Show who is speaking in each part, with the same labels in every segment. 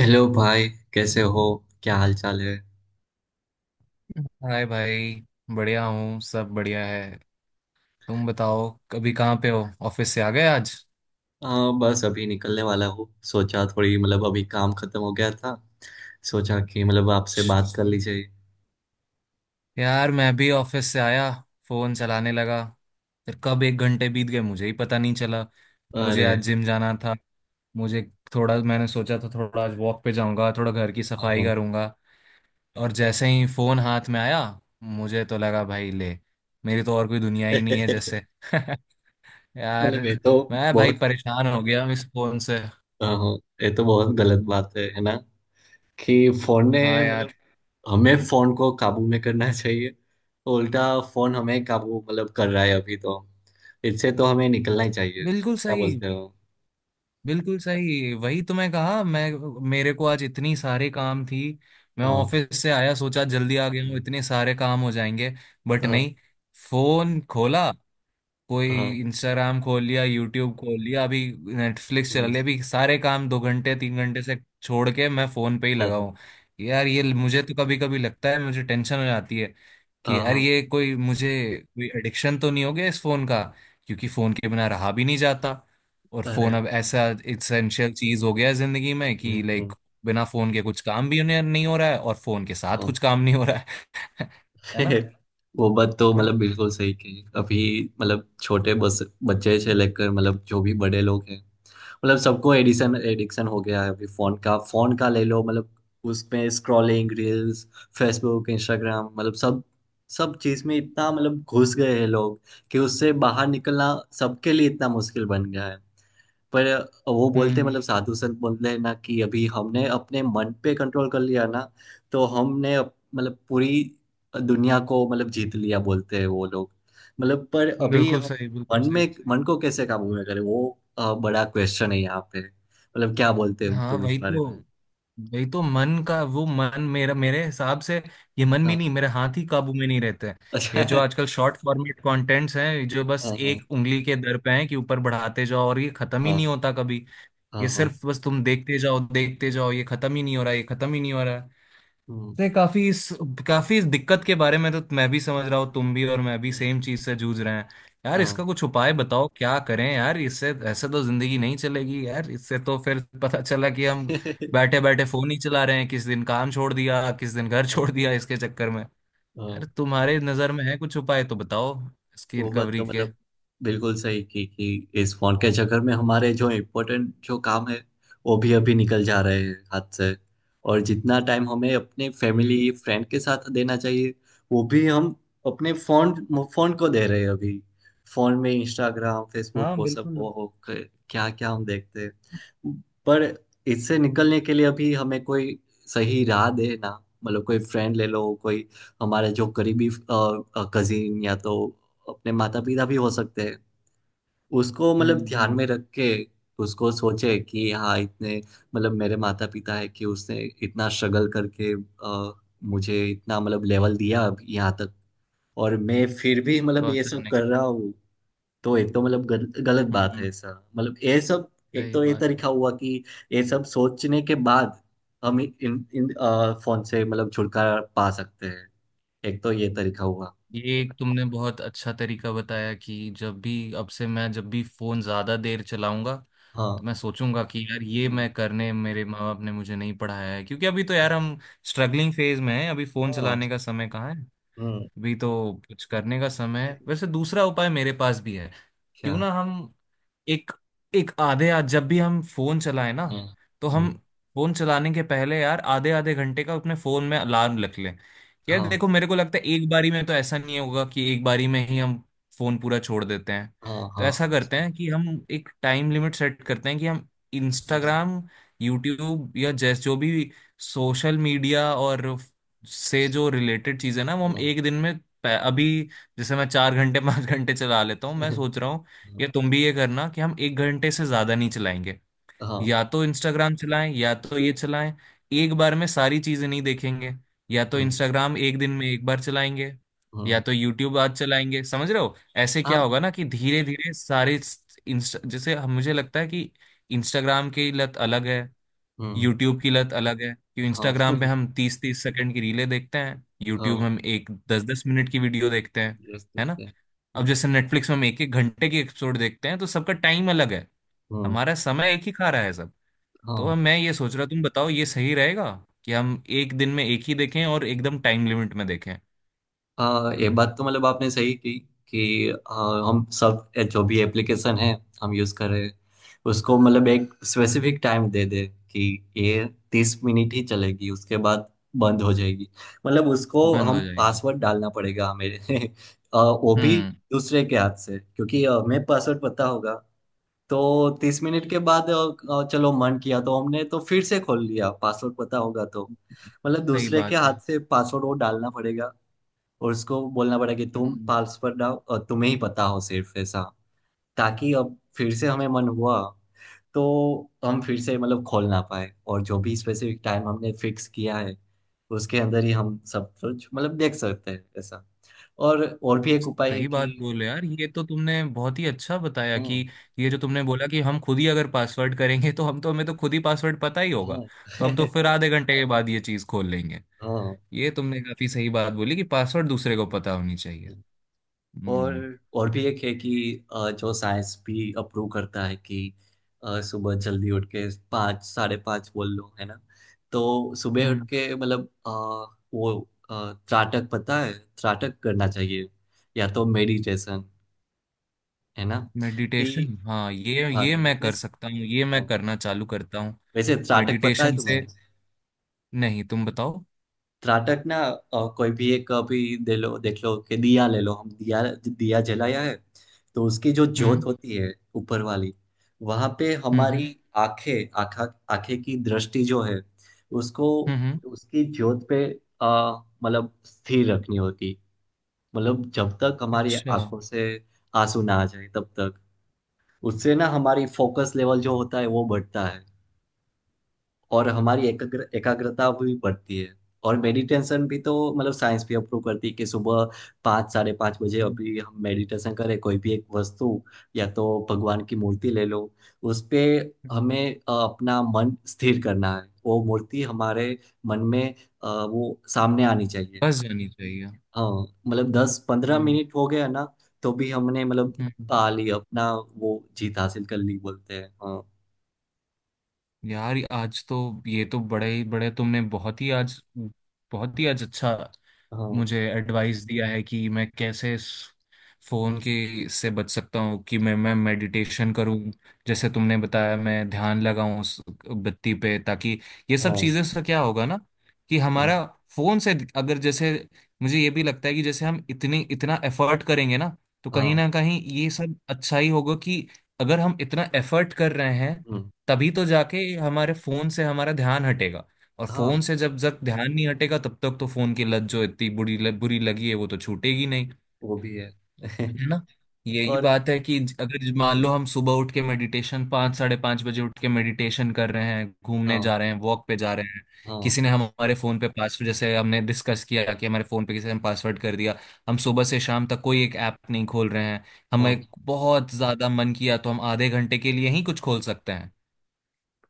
Speaker 1: Hello भाई, कैसे हो? क्या हाल चाल है?
Speaker 2: हाय भाई। बढ़िया हूँ, सब बढ़िया है। तुम बताओ, कभी कहाँ पे हो? ऑफिस से आ गए आज?
Speaker 1: बस अभी निकलने वाला हूँ। सोचा थोड़ी अभी काम खत्म हो गया था, सोचा कि आपसे
Speaker 2: जी।
Speaker 1: बात कर ली जाए।
Speaker 2: यार, मैं भी ऑफिस से आया, फोन चलाने लगा, फिर कब एक घंटे बीत गए मुझे ही पता नहीं चला। मुझे
Speaker 1: अरे
Speaker 2: आज जिम जाना था। मुझे थोड़ा मैंने सोचा था, थोड़ा आज वॉक पे जाऊंगा, थोड़ा घर की सफाई
Speaker 1: हाँ।
Speaker 2: करूंगा। और जैसे ही फोन हाथ में आया, मुझे तो लगा भाई ले, मेरी तो और कोई दुनिया ही नहीं है जैसे। यार,
Speaker 1: मतलब ये तो
Speaker 2: मैं भाई
Speaker 1: बहुत
Speaker 2: परेशान हो गया इस फोन से।
Speaker 1: हाँ, ये तो बहुत गलत बात है ना? कि फोन
Speaker 2: हाँ
Speaker 1: ने
Speaker 2: यार।
Speaker 1: हमें फोन को काबू में करना चाहिए, उल्टा फोन हमें काबू कर रहा है अभी तो। इससे तो हमें निकलना ही चाहिए,
Speaker 2: बिल्कुल
Speaker 1: क्या
Speaker 2: सही,
Speaker 1: बोलते हो?
Speaker 2: बिल्कुल सही, वही तो मैं कहा। मैं मेरे को आज इतनी सारे काम थी। मैं
Speaker 1: हाँ।
Speaker 2: ऑफिस से आया, सोचा जल्दी आ गया हूँ, इतने सारे काम हो जाएंगे। बट
Speaker 1: हाँ।
Speaker 2: नहीं। फोन खोला, कोई
Speaker 1: हाँ।
Speaker 2: इंस्टाग्राम खोल लिया, यूट्यूब खोल लिया, अभी नेटफ्लिक्स चला लिया, अभी सारे काम 2 घंटे 3 घंटे से छोड़ के मैं फोन पे ही
Speaker 1: हाँ,
Speaker 2: लगा
Speaker 1: हाँ,
Speaker 2: हूँ। यार, ये मुझे तो कभी कभी लगता है, मुझे टेंशन हो जाती है कि यार,
Speaker 1: हाँ।
Speaker 2: ये कोई एडिक्शन तो नहीं हो गया इस फोन का। क्योंकि फोन के बिना रहा भी नहीं जाता, और फोन
Speaker 1: अरे
Speaker 2: अब ऐसा इसेंशियल चीज हो गया है जिंदगी में, कि
Speaker 1: नहीं
Speaker 2: लाइक
Speaker 1: हूँ,
Speaker 2: बिना फोन के कुछ काम भी नहीं नहीं हो रहा है, और फोन के साथ
Speaker 1: हाँ।
Speaker 2: कुछ काम नहीं हो रहा है। है ना?
Speaker 1: वो बात तो
Speaker 2: और-
Speaker 1: बिल्कुल सही कही अभी। मतलब छोटे बस बच्चे से लेकर जो भी बड़े लोग हैं, सबको एडिशन एडिक्शन हो गया है अभी फोन का। ले लो उसमें स्क्रॉलिंग, रील्स, फेसबुक, इंस्टाग्राम, सब, चीज में इतना घुस गए हैं लोग कि उससे बाहर निकलना सबके लिए इतना मुश्किल बन गया है। पर वो बोलते
Speaker 2: हम्म।
Speaker 1: साधु संत बोलते हैं ना, कि अभी हमने अपने मन पे कंट्रोल कर लिया ना, तो हमने पूरी दुनिया को जीत लिया, बोलते हैं वो लोग। पर अभी
Speaker 2: बिल्कुल
Speaker 1: हम
Speaker 2: सही, बिल्कुल सही।
Speaker 1: मन को कैसे काबू में करें, वो बड़ा क्वेश्चन है यहाँ पे। क्या बोलते हो
Speaker 2: हाँ,
Speaker 1: तुम इस
Speaker 2: वही
Speaker 1: बारे
Speaker 2: तो
Speaker 1: में?
Speaker 2: वही तो मन का, वो मन मेरा, मेरे हिसाब से ये मन भी
Speaker 1: हाँ।
Speaker 2: नहीं, मेरे हाथ ही काबू में नहीं रहते हैं।
Speaker 1: अच्छा।
Speaker 2: ये जो आजकल शॉर्ट फॉर्मेट कंटेंट्स हैं, जो बस
Speaker 1: हाँ। हाँ।
Speaker 2: एक उंगली के दर पे हैं कि ऊपर बढ़ाते जाओ और ये खत्म ही नहीं
Speaker 1: हाँ।
Speaker 2: होता कभी।
Speaker 1: हाँ।
Speaker 2: ये
Speaker 1: हाँ।
Speaker 2: सिर्फ बस तुम देखते जाओ, देखते जाओ, ये खत्म ही नहीं हो रहा, ये खत्म ही नहीं हो रहा।
Speaker 1: हम्म,
Speaker 2: नहीं, काफी इस दिक्कत के बारे में तो मैं भी समझ रहा हूँ, तुम भी और मैं भी
Speaker 1: हम्म,
Speaker 2: सेम चीज से जूझ रहे हैं। यार,
Speaker 1: हाँ।
Speaker 2: इसका कुछ उपाय बताओ, क्या करें यार, इससे ऐसे तो जिंदगी नहीं चलेगी यार, इससे तो फिर पता चला कि हम बैठे बैठे फोन ही चला रहे हैं, किस दिन काम छोड़ दिया, किस दिन घर
Speaker 1: हाँ।
Speaker 2: छोड़ दिया इसके चक्कर में।
Speaker 1: हाँ।
Speaker 2: यार, तुम्हारे नजर में है कुछ उपाय तो बताओ इसकी
Speaker 1: वो बात
Speaker 2: रिकवरी
Speaker 1: तो
Speaker 2: के।
Speaker 1: बिल्कुल सही की कि इस फोन के चक्कर में हमारे जो इम्पोर्टेंट जो काम है, वो भी अभी निकल जा रहे हैं हाथ से। और जितना टाइम हमें अपने
Speaker 2: हम्म।
Speaker 1: फैमिली फ्रेंड के साथ देना चाहिए, वो भी हम अपने फोन फोन को दे रहे हैं अभी। फोन में इंस्टाग्राम, फेसबुक,
Speaker 2: हाँ,
Speaker 1: वो सब, ओ
Speaker 2: बिल्कुल।
Speaker 1: हो, क्या क्या हम देखते हैं। पर इससे
Speaker 2: हम्म।
Speaker 1: निकलने के लिए अभी हमें कोई सही राह दे ना। कोई फ्रेंड ले लो, कोई हमारे जो करीबी कजिन, या तो अपने माता पिता भी हो सकते हैं। उसको
Speaker 2: हम्म।
Speaker 1: ध्यान
Speaker 2: हम्म।
Speaker 1: में रख के उसको सोचे कि हाँ, इतने मेरे माता पिता है कि उसने इतना स्ट्रगल करके मुझे इतना लेवल दिया अब यहाँ तक, और मैं फिर भी ये सब
Speaker 2: पहुंचाने
Speaker 1: कर
Speaker 2: को।
Speaker 1: रहा हूँ। तो एक तो गलत बात है
Speaker 2: हम्म।
Speaker 1: ऐसा, ये सब। एक
Speaker 2: सही
Speaker 1: तो ये
Speaker 2: बात।
Speaker 1: तरीका हुआ कि ये सब सोचने के बाद हम इन इन अ, फोन से छुटकारा पा सकते हैं। एक तो ये तरीका हुआ।
Speaker 2: ये एक तुमने बहुत अच्छा तरीका बताया कि जब भी अब से, मैं जब भी फोन ज्यादा देर चलाऊंगा,
Speaker 1: हाँ।
Speaker 2: तो मैं सोचूंगा कि यार, ये
Speaker 1: हम्म।
Speaker 2: मैं करने मेरे माँ बाप ने मुझे नहीं पढ़ाया है। क्योंकि अभी तो यार,
Speaker 1: हाँ।
Speaker 2: हम स्ट्रगलिंग फेज में हैं, अभी फोन
Speaker 1: हाँ।
Speaker 2: चलाने का समय कहाँ है।
Speaker 1: हम्म।
Speaker 2: अभी तो कुछ करने का समय है। वैसे दूसरा उपाय मेरे पास भी है। क्यों
Speaker 1: क्या?
Speaker 2: ना हम एक एक आधे आ जब भी हम फोन चलाएं ना,
Speaker 1: हाँ।
Speaker 2: तो
Speaker 1: हम्म।
Speaker 2: हम फोन चलाने के पहले यार आधे आधे घंटे का अपने फोन में अलार्म रख लें। यार
Speaker 1: हाँ।
Speaker 2: देखो, मेरे को लगता है एक बारी में तो ऐसा नहीं होगा कि एक बारी में ही हम फोन पूरा छोड़ देते हैं।
Speaker 1: हाँ।
Speaker 2: तो
Speaker 1: हाँ।
Speaker 2: ऐसा करते हैं कि हम एक टाइम लिमिट सेट करते हैं कि हम
Speaker 1: हम्म।
Speaker 2: इंस्टाग्राम, यूट्यूब या जैस जो भी सोशल मीडिया, और से जो रिलेटेड चीज़ है ना, वो हम
Speaker 1: हाँ।
Speaker 2: एक दिन में अभी, जैसे मैं 4 घंटे 5 घंटे चला लेता हूँ, मैं सोच रहा हूँ या तुम भी ये करना कि हम एक घंटे से ज्यादा नहीं चलाएंगे।
Speaker 1: हाँ।
Speaker 2: या तो इंस्टाग्राम चलाएं या तो ये चलाएं, एक बार में सारी चीजें नहीं देखेंगे। या तो
Speaker 1: हम्म।
Speaker 2: इंस्टाग्राम एक दिन में एक बार चलाएंगे,
Speaker 1: हम्म।
Speaker 2: या तो यूट्यूब आज चलाएंगे, समझ रहे हो? ऐसे क्या
Speaker 1: हाँ।
Speaker 2: होगा ना कि धीरे धीरे सारे मुझे लगता है कि इंस्टाग्राम की लत अलग है,
Speaker 1: हम्म।
Speaker 2: यूट्यूब की लत अलग है। कि
Speaker 1: हाँ।
Speaker 2: इंस्टाग्राम पे हम 30-30 सेकंड की रीलें देखते हैं, यूट्यूब
Speaker 1: हाँ,
Speaker 2: हम एक 10-10 मिनट की वीडियो देखते हैं।
Speaker 1: yes,
Speaker 2: है
Speaker 1: ठीक
Speaker 2: ना?
Speaker 1: है।
Speaker 2: अब
Speaker 1: हम्म।
Speaker 2: जैसे नेटफ्लिक्स में हम एक एक घंटे की एपिसोड देखते हैं, तो सबका टाइम अलग है।
Speaker 1: हम्म।
Speaker 2: हमारा समय एक ही खा रहा है सब। तो
Speaker 1: हाँ।
Speaker 2: अब मैं ये सोच रहा, तुम बताओ ये सही रहेगा कि हम एक दिन में एक ही देखें और एकदम टाइम लिमिट में देखें?
Speaker 1: ये बात तो आपने सही की कि हम सब जो भी एप्लीकेशन है हम यूज़ कर रहे हैं, उसको एक स्पेसिफिक टाइम दे दे कि ये 30 मिनट ही चलेगी, उसके बाद बंद हो जाएगी। उसको
Speaker 2: बंद
Speaker 1: हम
Speaker 2: हो जाएगी।
Speaker 1: पासवर्ड डालना पड़ेगा हमें। वो भी
Speaker 2: हम्म।
Speaker 1: दूसरे के हाथ से, क्योंकि हमें पासवर्ड पता होगा तो तीस मिनट के बाद आ, आ, चलो, मन किया तो हमने तो फिर से खोल लिया, पासवर्ड पता होगा तो।
Speaker 2: सही
Speaker 1: दूसरे के
Speaker 2: बात
Speaker 1: हाथ
Speaker 2: है।
Speaker 1: से पासवर्ड वो डालना पड़ेगा, और उसको बोलना पड़ा कि तुम
Speaker 2: हम्म।
Speaker 1: पल्स पर डालो और तुम्हें ही पता हो सिर्फ, ऐसा, ताकि अब फिर से हमें मन हुआ तो हम फिर से खोल ना पाए, और जो भी स्पेसिफिक टाइम हमने फिक्स किया है उसके अंदर ही हम सब कुछ देख सकते हैं, ऐसा। और भी एक उपाय है
Speaker 2: सही बात
Speaker 1: कि,
Speaker 2: बोले यार, ये तो तुमने बहुत ही अच्छा बताया कि
Speaker 1: हाँ।
Speaker 2: ये जो तुमने बोला कि हम खुद ही अगर पासवर्ड करेंगे, तो हम तो हमें तो खुद ही पासवर्ड पता ही होगा,
Speaker 1: हाँ।
Speaker 2: तो हम तो फिर आधे घंटे के बाद ये चीज़ खोल लेंगे। ये तुमने काफी सही बात बोली कि पासवर्ड दूसरे को पता होनी चाहिए।
Speaker 1: हाँ।
Speaker 2: हम्म।
Speaker 1: और और भी एक है कि जो साइंस भी अप्रूव करता है कि सुबह जल्दी उठ के 5, साढ़े 5 बोल लो, है ना। तो सुबह उठ
Speaker 2: हम्म।
Speaker 1: के वो त्राटक पता है, त्राटक करना चाहिए या तो मेडिटेशन, है ना। कि
Speaker 2: मेडिटेशन, हाँ, ये
Speaker 1: हाँ,
Speaker 2: ये मैं कर
Speaker 1: मेडिटेशन।
Speaker 2: सकता हूँ, ये मैं करना चालू करता हूँ।
Speaker 1: वैसे त्राटक पता है
Speaker 2: मेडिटेशन से?
Speaker 1: तुम्हें?
Speaker 2: नहीं, तुम बताओ।
Speaker 1: त्राटक ना, कोई भी एक अभी दे लो, देख लो कि दिया ले लो, हम दिया, दिया जलाया है, तो उसकी जो ज्योत
Speaker 2: हम्म।
Speaker 1: होती है ऊपर वाली, वहां पे
Speaker 2: हम्म।
Speaker 1: हमारी
Speaker 2: हम्म।
Speaker 1: आंखें आंखा आंखें की दृष्टि जो है उसको,
Speaker 2: हम्म। हम्म।
Speaker 1: उसकी ज्योत पे स्थिर रखनी होती। जब तक हमारी
Speaker 2: अच्छा।
Speaker 1: आंखों
Speaker 2: हम्म।
Speaker 1: से आंसू ना आ जाए तब तक, उससे ना हमारी फोकस लेवल जो होता है वो बढ़ता है, और हमारी एकाग्रता भी बढ़ती है। और मेडिटेशन भी तो, साइंस भी अप्रूव करती है कि सुबह 5, साढ़े 5 बजे अभी हम मेडिटेशन करें। कोई भी एक वस्तु या तो भगवान की मूर्ति ले लो, उस पे
Speaker 2: हम्म।
Speaker 1: हमें अपना मन स्थिर करना है। वो मूर्ति हमारे मन में वो सामने आनी चाहिए।
Speaker 2: बस जानी चाहिए।
Speaker 1: हाँ, दस पंद्रह
Speaker 2: हम्म।
Speaker 1: मिनट हो गया ना, तो भी हमने
Speaker 2: हम्म।
Speaker 1: पा ली अपना वो, जीत हासिल कर ली, बोलते हैं। हाँ।
Speaker 2: यार आज तो, ये तो बड़े ही बड़े तुमने बहुत ही आज, बहुत ही आज अच्छा
Speaker 1: हाँ।
Speaker 2: मुझे एडवाइस दिया है कि मैं कैसे इस फोन की से बच सकता हूँ, कि मैं
Speaker 1: हाँ।
Speaker 2: मेडिटेशन करूँ, जैसे तुमने बताया मैं ध्यान लगाऊं उस बत्ती पे, ताकि ये सब
Speaker 1: हाँ।
Speaker 2: चीज़ें से क्या होगा ना कि
Speaker 1: हम्म।
Speaker 2: हमारा फोन से अगर, जैसे मुझे ये भी लगता है कि जैसे हम इतनी इतना एफर्ट करेंगे ना, तो कहीं
Speaker 1: हाँ।
Speaker 2: ना कहीं ये सब अच्छा ही होगा कि अगर हम इतना एफर्ट कर रहे हैं,
Speaker 1: हम्म।
Speaker 2: तभी तो जाके हमारे फोन से हमारा ध्यान हटेगा। और
Speaker 1: हाँ।
Speaker 2: फोन से जब तक ध्यान नहीं हटेगा, तब तक तो फोन की लत जो इतनी बुरी लगी है, वो तो छूटेगी नहीं।
Speaker 1: वो भी है।
Speaker 2: है ना? यही
Speaker 1: और
Speaker 2: बात है कि अगर मान
Speaker 1: हम्म।
Speaker 2: लो हम सुबह उठ के मेडिटेशन, 5, 5:30 बजे उठ के मेडिटेशन कर रहे हैं, घूमने
Speaker 1: हाँ।
Speaker 2: जा रहे हैं, वॉक पे जा रहे हैं,
Speaker 1: हाँ।
Speaker 2: किसी ने हमारे फोन पे पासवर्ड, जैसे हमने डिस्कस किया कि हमारे फोन पे किसी ने पासवर्ड कर दिया, हम सुबह से शाम तक कोई एक ऐप नहीं खोल रहे हैं,
Speaker 1: हाँ।
Speaker 2: हमें बहुत ज्यादा मन किया तो हम आधे घंटे के लिए ही कुछ खोल सकते हैं।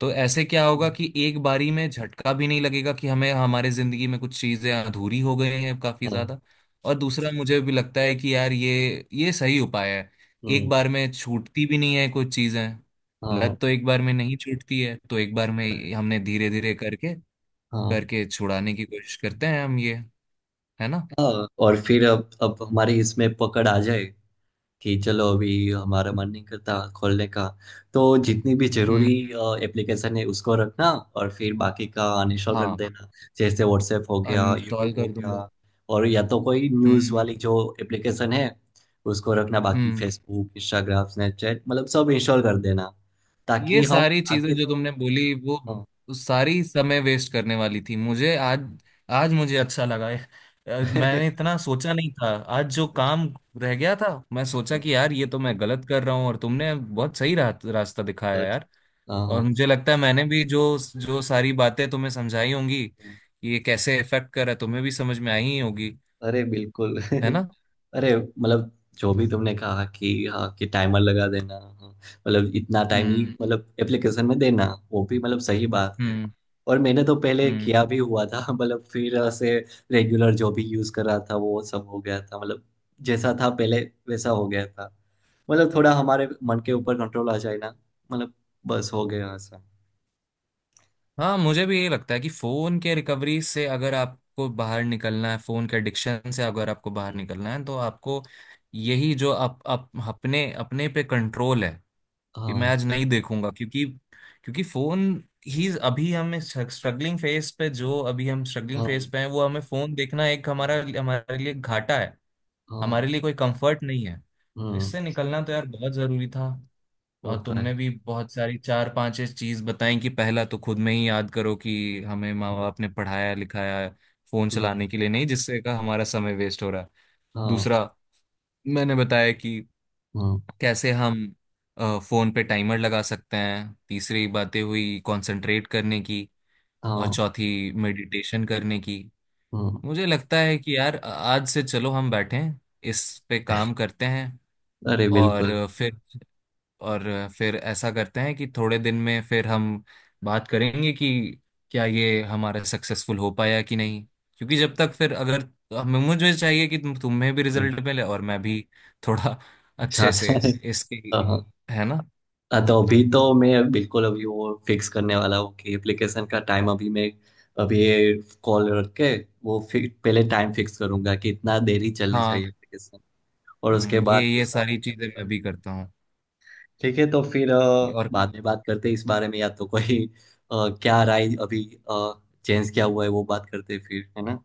Speaker 2: तो ऐसे क्या होगा
Speaker 1: हम्म।
Speaker 2: कि एक बारी में झटका भी नहीं लगेगा कि हमें हमारे जिंदगी में कुछ चीजें अधूरी हो गई हैं काफी
Speaker 1: हाँ।
Speaker 2: ज्यादा। और दूसरा मुझे भी लगता है कि यार, ये सही उपाय है। एक
Speaker 1: हम्म।
Speaker 2: बार में छूटती भी नहीं है कुछ चीजें,
Speaker 1: हाँ।
Speaker 2: लत तो एक बार में नहीं छूटती है, तो एक बार में हमने धीरे धीरे करके
Speaker 1: हाँ। हाँ।
Speaker 2: करके छुड़ाने की कोशिश करते हैं हम ये। है ना?
Speaker 1: हाँ, और फिर अब हमारी इसमें पकड़ आ जाए कि चलो, अभी हमारा मन नहीं करता खोलने का, तो जितनी भी जरूरी
Speaker 2: हम्म।
Speaker 1: एप्लीकेशन है उसको रखना, और फिर बाकी का अनइंस्टॉल कर
Speaker 2: हाँ।
Speaker 1: देना। जैसे व्हाट्सएप हो गया,
Speaker 2: अनइंस्टॉल
Speaker 1: यूट्यूब हो
Speaker 2: कर दूंगा।
Speaker 1: गया, और या तो कोई न्यूज़
Speaker 2: हम्म।
Speaker 1: वाली जो एप्लीकेशन है उसको रखना, बाकी
Speaker 2: हम्म।
Speaker 1: फेसबुक, इंस्टाग्राम, स्नैपचैट, सब इंस्टॉल कर देना, ताकि
Speaker 2: ये
Speaker 1: हम
Speaker 2: सारी
Speaker 1: आगे
Speaker 2: चीजें जो
Speaker 1: तो,
Speaker 2: तुमने बोली वो
Speaker 1: हाँ।
Speaker 2: सारी समय वेस्ट करने वाली थी, मुझे आज आज मुझे अच्छा लगा है।
Speaker 1: अच्छा।
Speaker 2: मैंने इतना सोचा नहीं था। आज जो काम रह गया था, मैं सोचा
Speaker 1: हाँ,
Speaker 2: कि
Speaker 1: हाँ,
Speaker 2: यार ये तो मैं गलत कर रहा हूँ, और तुमने बहुत सही रास्ता दिखाया
Speaker 1: अच्छा।
Speaker 2: यार।
Speaker 1: हाँ,
Speaker 2: और
Speaker 1: हाँ,
Speaker 2: मुझे लगता है मैंने भी जो जो सारी बातें तुम्हें समझाई होंगी
Speaker 1: हाँ।
Speaker 2: कि ये कैसे इफेक्ट कर रहा है, तुम्हें भी समझ में आई ही होगी।
Speaker 1: अरे बिल्कुल।
Speaker 2: है ना?
Speaker 1: अरे जो भी तुमने कहा कि हाँ, कि टाइमर लगा देना, हाँ, इतना टाइम ही
Speaker 2: हम्म।
Speaker 1: एप्लीकेशन में देना, वो भी सही बात है।
Speaker 2: हम्म।
Speaker 1: और मैंने तो पहले
Speaker 2: हम्म।
Speaker 1: किया भी हुआ था। फिर ऐसे रेगुलर जो भी यूज कर रहा था वो सब हो गया था, जैसा था पहले वैसा हो गया था। थोड़ा हमारे मन के
Speaker 2: हम्म।
Speaker 1: ऊपर कंट्रोल आ जाए ना, मतलब बस हो गया ऐसा।
Speaker 2: हाँ, मुझे भी ये लगता है कि फोन के रिकवरी से अगर आपको बाहर निकलना है, फोन के एडिक्शन से अगर आपको बाहर निकलना है, तो आपको यही, जो आप अपने अपने पे कंट्रोल है, कि मैं
Speaker 1: हाँ।
Speaker 2: आज नहीं देखूंगा, क्योंकि क्योंकि फोन ही, अभी हम स्ट्रगलिंग फेज पे, जो अभी हम स्ट्रगलिंग
Speaker 1: हाँ।
Speaker 2: फेज पे हैं, वो हमें फोन देखना एक हमारा हमारे लिए घाटा है, हमारे
Speaker 1: हाँ।
Speaker 2: लिए कोई कंफर्ट नहीं है, तो
Speaker 1: हम्म।
Speaker 2: इससे निकलना तो यार बहुत जरूरी था।
Speaker 1: वो
Speaker 2: और
Speaker 1: तो है।
Speaker 2: तुमने भी बहुत सारी 4-5 चीज बताई कि पहला तो खुद में ही याद करो कि हमें माँ
Speaker 1: हाँ।
Speaker 2: बाप ने पढ़ाया लिखाया, फोन
Speaker 1: हम्म।
Speaker 2: चलाने के लिए नहीं, जिससे का हमारा समय वेस्ट हो रहा है।
Speaker 1: हाँ।
Speaker 2: दूसरा, मैंने बताया कि
Speaker 1: हम्म।
Speaker 2: कैसे हम फोन पे टाइमर लगा सकते हैं। तीसरी बातें हुई कंसंट्रेट करने की, और
Speaker 1: हाँ।
Speaker 2: चौथी मेडिटेशन करने की।
Speaker 1: हम्म।
Speaker 2: मुझे लगता है कि यार आज से चलो हम बैठें, इस पे काम करते हैं।
Speaker 1: अरे बिल्कुल।
Speaker 2: और फिर और फिर ऐसा करते हैं कि थोड़े दिन में फिर हम बात करेंगे कि क्या ये हमारा सक्सेसफुल हो पाया कि नहीं। क्योंकि जब तक फिर अगर हमें मुझे चाहिए कि तुम्हें भी
Speaker 1: हम्म,
Speaker 2: रिजल्ट मिले और मैं भी थोड़ा अच्छे
Speaker 1: चाहता
Speaker 2: से
Speaker 1: है।
Speaker 2: इसकी।
Speaker 1: हाँ, हाँ,
Speaker 2: है ना?
Speaker 1: तो अभी तो मैं बिल्कुल अभी वो फिक्स करने वाला हूँ कि एप्लीकेशन का टाइम अभी मैं, अभी ये कॉल रख के, वो फिर पहले टाइम फिक्स करूंगा कि इतना देरी चलनी
Speaker 2: हाँ।
Speaker 1: चाहिए एप्लीकेशन, और उसके बाद
Speaker 2: ये
Speaker 1: दूसरा काम
Speaker 2: सारी चीजें मैं
Speaker 1: करूंगा।
Speaker 2: भी करता हूँ।
Speaker 1: ठीक है, तो फिर
Speaker 2: और
Speaker 1: बाद में बात करते हैं इस बारे में, या तो कोई क्या राय अभी, चेंज क्या हुआ है, वो बात करते हैं फिर, है ना।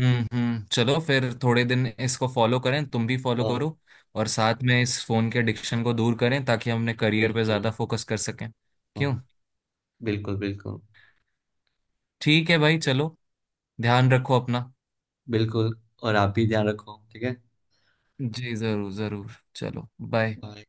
Speaker 2: हम्म। हम्म। चलो, फिर थोड़े दिन इसको फॉलो करें, तुम भी फॉलो
Speaker 1: हाँ।
Speaker 2: करो, और साथ में इस फोन के एडिक्शन को दूर करें, ताकि हम अपने करियर पे
Speaker 1: बिल्कुल।
Speaker 2: ज्यादा फोकस कर सकें। क्यों?
Speaker 1: हाँ। बिल्कुल, बिल्कुल।
Speaker 2: ठीक है भाई, चलो, ध्यान रखो अपना।
Speaker 1: बिल्कुल। और आप भी ध्यान रखो, ठीक है।
Speaker 2: जी, जरूर जरूर, चलो। बाय।
Speaker 1: बाय।